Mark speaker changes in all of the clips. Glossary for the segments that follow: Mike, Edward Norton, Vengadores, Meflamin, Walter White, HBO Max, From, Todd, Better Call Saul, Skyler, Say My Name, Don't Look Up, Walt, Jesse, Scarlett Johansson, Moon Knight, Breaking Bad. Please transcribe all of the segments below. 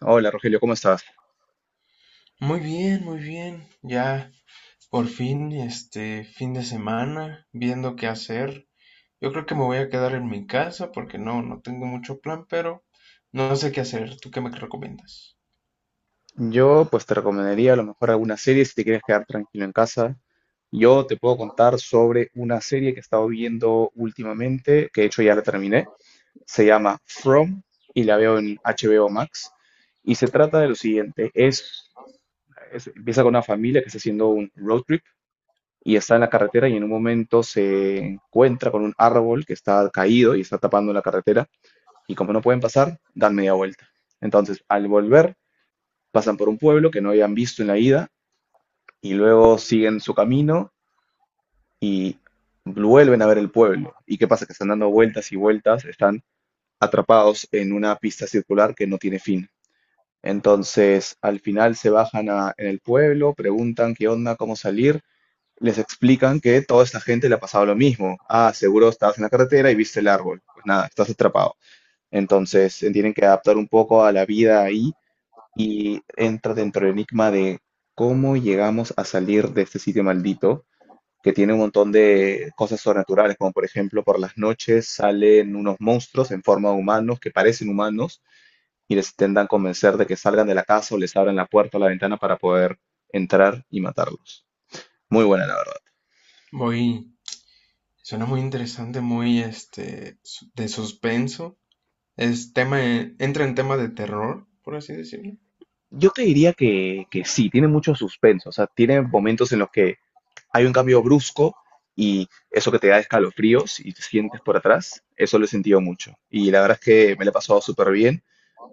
Speaker 1: Hola Rogelio, ¿cómo estás?
Speaker 2: Muy bien, muy bien. Ya por fin, este fin de semana, viendo qué hacer. Yo creo que me voy a quedar en mi casa porque no tengo mucho plan, pero no sé qué hacer. ¿Tú qué me recomiendas?
Speaker 1: Yo pues te recomendaría a lo mejor alguna serie si te quieres quedar tranquilo en casa. Yo te puedo contar sobre una serie que he estado viendo últimamente, que de hecho ya la terminé. Se llama From y la veo en HBO Max. Y se trata de lo siguiente, empieza con una familia que está haciendo un road trip y está en la carretera y en un momento se encuentra con un árbol que está caído y está tapando la carretera y como no pueden pasar, dan media vuelta. Entonces, al volver pasan por un pueblo que no habían visto en la ida y luego siguen su camino y vuelven a ver el pueblo. ¿Y qué pasa? Que están dando vueltas y vueltas, están atrapados en una pista circular que no tiene fin. Entonces, al final en el pueblo, preguntan qué onda, cómo salir, les explican que toda esta gente le ha pasado lo mismo. Ah, seguro estabas en la carretera y viste el árbol. Pues nada, estás atrapado. Entonces, se tienen que adaptar un poco a la vida ahí y entra dentro del enigma de cómo llegamos a salir de este sitio maldito, que tiene un montón de cosas sobrenaturales, como por ejemplo por las noches salen unos monstruos en forma de humanos que parecen humanos y les intentan convencer de que salgan de la casa o les abran la puerta o la ventana para poder entrar y matarlos. Muy buena, la verdad.
Speaker 2: Muy, suena muy interesante, muy de suspenso. Es entra en tema de terror, por así decirlo.
Speaker 1: Yo te diría que, sí, tiene mucho suspenso, o sea, tiene momentos en los que hay un cambio brusco y eso que te da escalofríos y te sientes por atrás, eso lo he sentido mucho. Y la verdad es que me la he pasado súper bien,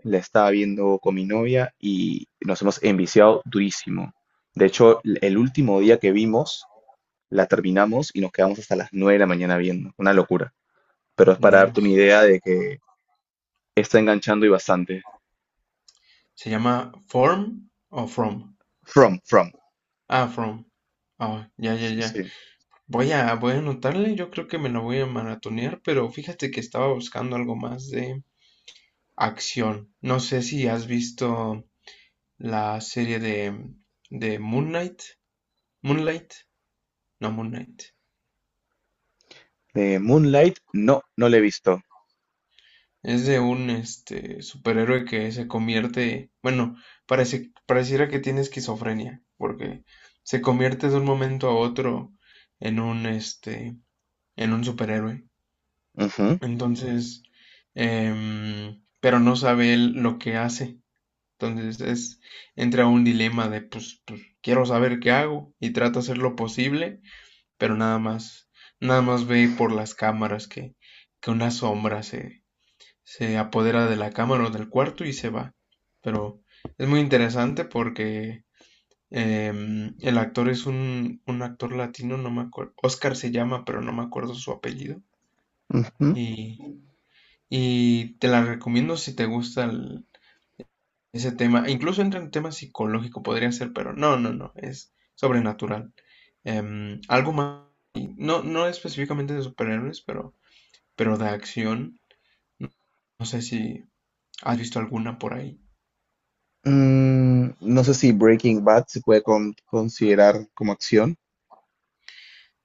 Speaker 1: la estaba viendo con mi novia y nos hemos enviciado durísimo. De hecho, el último día que vimos, la terminamos y nos quedamos hasta las 9 de la mañana viendo. Una locura. Pero es para darte una
Speaker 2: Dios.
Speaker 1: idea de que está enganchando y bastante.
Speaker 2: ¿Se llama Form o From?
Speaker 1: From, from.
Speaker 2: Ah, From. Ah, ya, ya, ya.
Speaker 1: Sí.
Speaker 2: Voy a anotarle, yo creo que me la voy a maratonear, pero fíjate que estaba buscando algo más de acción. No sé si has visto la serie de Moon Knight. Moonlight, no Moon Knight.
Speaker 1: Moonlight, no, no la he visto.
Speaker 2: Es de un este superhéroe que se convierte, bueno, pareciera que tiene esquizofrenia, porque se convierte de un momento a otro en un este, en un superhéroe.
Speaker 1: Ujú,
Speaker 2: Entonces, pero no sabe él lo que hace. Entonces es, entra un dilema de, pues, quiero saber qué hago y trato de hacer lo posible, pero nada más, nada más ve por las cámaras que una sombra se apodera de la cámara o del cuarto y se va. Pero es muy interesante porque el actor es un actor latino, no me acuerdo, Oscar se llama, pero no me acuerdo su apellido.
Speaker 1: ujú.
Speaker 2: Y, y te la recomiendo si te gusta ese tema. Incluso entra en tema psicológico, podría ser, pero no, no, no, es sobrenatural. Algo más, no, no específicamente de superhéroes, pero de acción. No sé si has visto alguna por ahí.
Speaker 1: Mm, no sé si Breaking Bad se puede considerar como acción.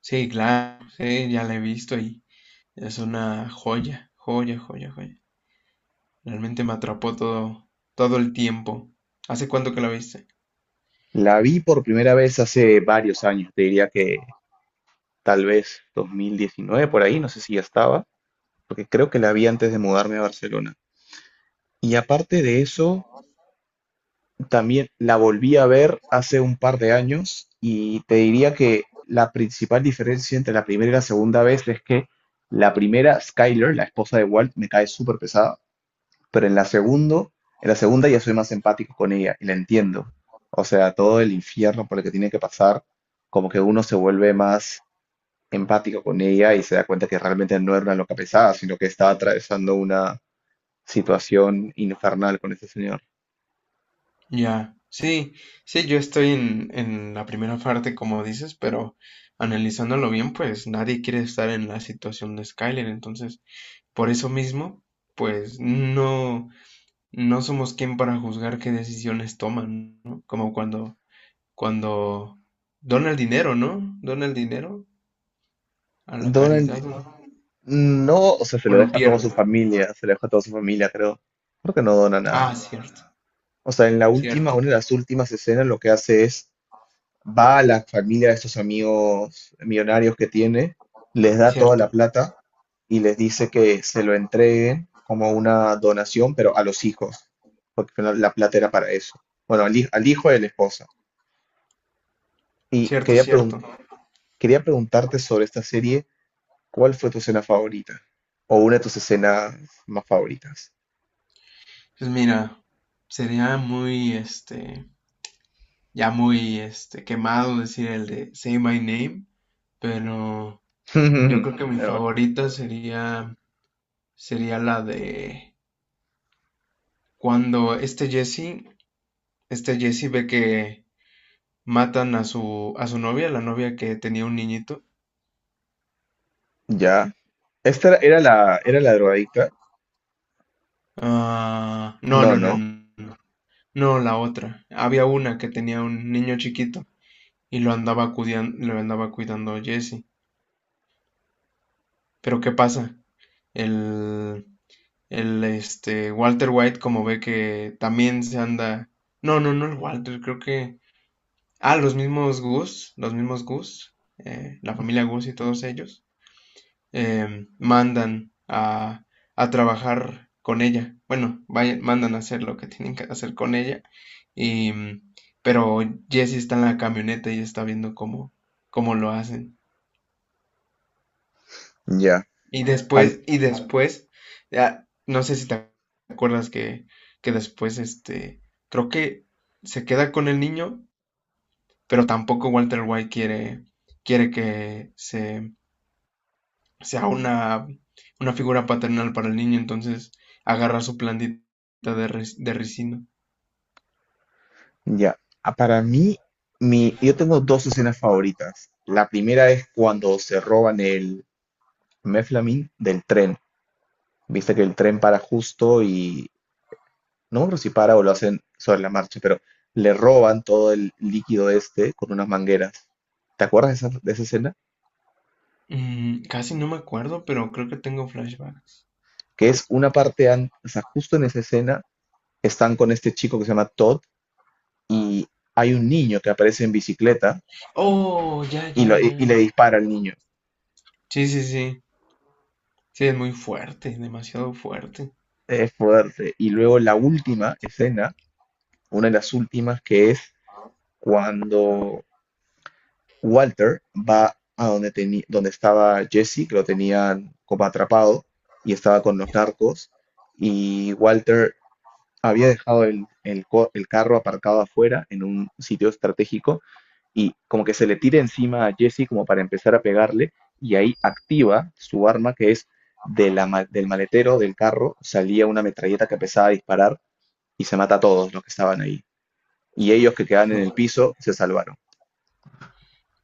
Speaker 2: Sí, claro, sí, ya la he visto y es una joya, joya, joya, joya. Realmente me atrapó todo el tiempo. ¿Hace cuánto que la viste?
Speaker 1: La vi por primera vez hace varios años, te diría que tal vez 2019 por ahí, no sé si ya estaba, porque creo que la vi antes de mudarme a Barcelona. Y aparte de eso, también la volví a ver hace un par de años y te diría que la principal diferencia entre la primera y la segunda vez es que la primera, Skyler, la esposa de Walt, me cae súper pesada, pero en la segundo, en la segunda ya soy más empático con ella y la entiendo. O sea, todo el infierno por el que tiene que pasar, como que uno se vuelve más empático con ella y se da cuenta que realmente no era una loca pesada, sino que estaba atravesando una situación infernal con ese señor.
Speaker 2: Ya, sí, sí, yo estoy en la primera parte, como dices, pero analizándolo bien, pues nadie quiere estar en la situación de Skyler, entonces, por eso mismo, pues no, no somos quien para juzgar qué decisiones toman, ¿no? Como cuando, cuando dona el dinero, ¿no? Dona el dinero a la
Speaker 1: Donald,
Speaker 2: caridad
Speaker 1: no, o sea, se
Speaker 2: o
Speaker 1: lo
Speaker 2: lo
Speaker 1: deja a toda
Speaker 2: pierde.
Speaker 1: su familia, se lo deja a toda su familia, creo. Creo que no dona nada.
Speaker 2: Ah, cierto,
Speaker 1: O sea, en la última, una
Speaker 2: cierto,
Speaker 1: de las últimas escenas, lo que hace es va a la familia de estos amigos millonarios que tiene, les da toda la
Speaker 2: cierto,
Speaker 1: plata y les dice que se lo entreguen como una donación, pero a los hijos, porque la plata era para eso. Bueno, al, al hijo de la esposa. Y
Speaker 2: cierto, cierto.
Speaker 1: quería preguntarte sobre esta serie, ¿cuál fue tu escena favorita? O una de tus escenas más favoritas.
Speaker 2: Pues mira, sería muy, este... ya muy este, quemado decir el de Say My Name, pero yo creo que mi
Speaker 1: Pero,
Speaker 2: favorita sería la de cuando este Jesse ve que matan a a su novia, la novia que tenía un niñito.
Speaker 1: ya. ¿Esta era la, era la drogadicta?
Speaker 2: Ah, no,
Speaker 1: No,
Speaker 2: no, no,
Speaker 1: no.
Speaker 2: no, no, no, la otra. Había una que tenía un niño chiquito y lo andaba cuidando Jesse. Pero ¿qué pasa? El, El este Walter White, como ve que también se anda. No, no, no el Walter, creo que. Ah, los mismos Goose, la familia Goose y todos ellos, eh, mandan a, a trabajar con ella. Bueno, mandan a hacer lo que tienen que hacer con ella. Y, mm, pero Jesse está en la camioneta y está viendo cómo lo hacen.
Speaker 1: Ya.
Speaker 2: Y después, ya, no sé si te acuerdas que después, creo que se queda con el niño, pero tampoco Walter White quiere que sea una figura paternal para el niño, entonces agarra su plantita de ricino.
Speaker 1: Ya, ah, para mí, mi, yo tengo dos escenas favoritas. La primera es cuando se roban el Meflamin del tren. Viste que el tren para justo y no me acuerdo si para o lo hacen sobre la marcha, pero le roban todo el líquido este con unas mangueras. ¿Te acuerdas de esa escena?
Speaker 2: Mm, casi no me acuerdo, pero creo que tengo flashbacks.
Speaker 1: Que es una parte, o sea, justo en esa escena están con este chico que se llama Todd y hay un niño que aparece en bicicleta
Speaker 2: Oh, ya,
Speaker 1: y,
Speaker 2: ya,
Speaker 1: y
Speaker 2: ya.
Speaker 1: le dispara al niño.
Speaker 2: Sí, sí, sí. Sí, es muy fuerte, demasiado fuerte.
Speaker 1: Es fuerte. Y luego la última escena, una de las últimas, que es cuando Walter va a donde, donde estaba Jesse, que lo tenían como atrapado y estaba con los narcos. Y Walter había dejado el, el carro aparcado afuera en un sitio estratégico y como que se le tira encima a Jesse como para empezar a pegarle y ahí activa su arma que es de del maletero del carro salía una metralleta que empezaba a disparar y se mata a todos los que estaban ahí. Y ellos que quedan en el piso se salvaron.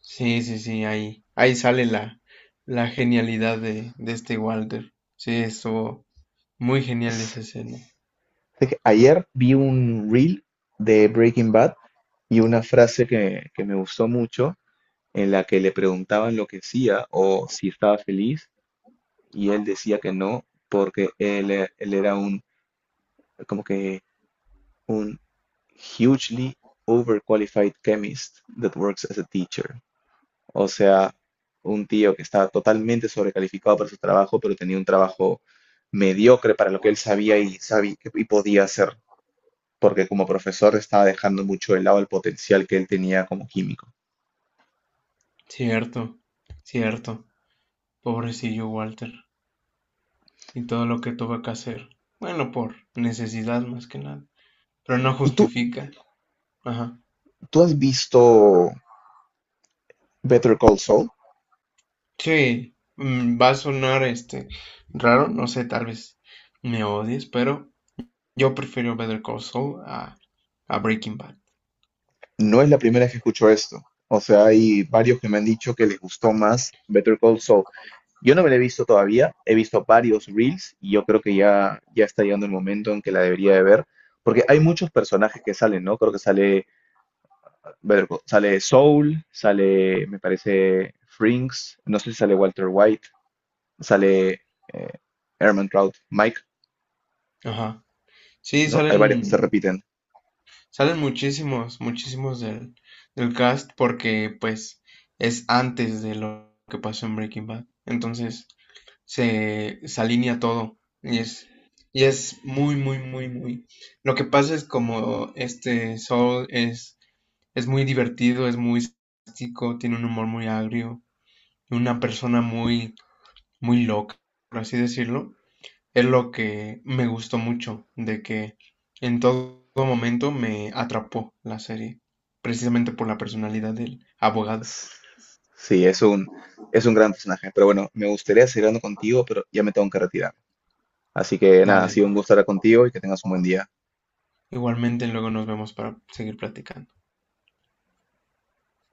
Speaker 2: Sí, sí, sí, ahí, ahí sale la genialidad de este Walter. Sí, estuvo muy genial esa escena.
Speaker 1: Dije, ayer vi un reel de Breaking Bad y una frase que me gustó mucho en la que le preguntaban lo que hacía o si estaba feliz y él decía que no porque él, él era un como que un hugely overqualified chemist that works as a teacher. O sea, un tío que estaba totalmente sobrecalificado para su trabajo, pero tenía un trabajo mediocre para lo que él sabía y, sabía y podía hacer, porque como profesor estaba dejando mucho de lado el potencial que él tenía como químico.
Speaker 2: Cierto, cierto. Pobrecillo Walter. Y todo lo que tuvo que hacer. Bueno, por necesidad más que nada. Pero no
Speaker 1: ¿Y tú,
Speaker 2: justifica. Ajá.
Speaker 1: tú has visto Better Call Saul?
Speaker 2: Sí, va a sonar este raro, no sé, tal vez me odies, pero yo prefiero Better Call Saul a Breaking Bad.
Speaker 1: No es la primera vez que escucho esto. O sea, hay varios que me han dicho que les gustó más Better Call Saul. Yo no me la he visto todavía, he visto varios reels y yo creo que ya, ya está llegando el momento en que la debería de ver, porque hay muchos personajes que salen, ¿no? Creo que sale, ver, sale Soul, sale, me parece, Frinks, no sé si sale Walter White, sale, eh, Trout, Mike,
Speaker 2: Ajá. Sí,
Speaker 1: ¿no? Hay varios que se
Speaker 2: salen.
Speaker 1: repiten.
Speaker 2: Salen muchísimos, muchísimos del cast porque pues es antes de lo que pasó en Breaking Bad. Entonces se alinea todo y es muy, muy, muy, muy... Lo que pasa es como es muy divertido, es muy sarcástico, tiene un humor muy agrio, una persona muy, muy loca, por así decirlo. Es lo que me gustó mucho, de que en todo momento me atrapó la serie, precisamente por la personalidad del abogado.
Speaker 1: S- Sí, es un gran personaje, pero bueno, me gustaría seguir hablando contigo, pero ya me tengo que retirar. Así que nada, ha
Speaker 2: Dale,
Speaker 1: sido un gusto estar contigo y que tengas un buen día.
Speaker 2: igualmente luego nos vemos para seguir platicando.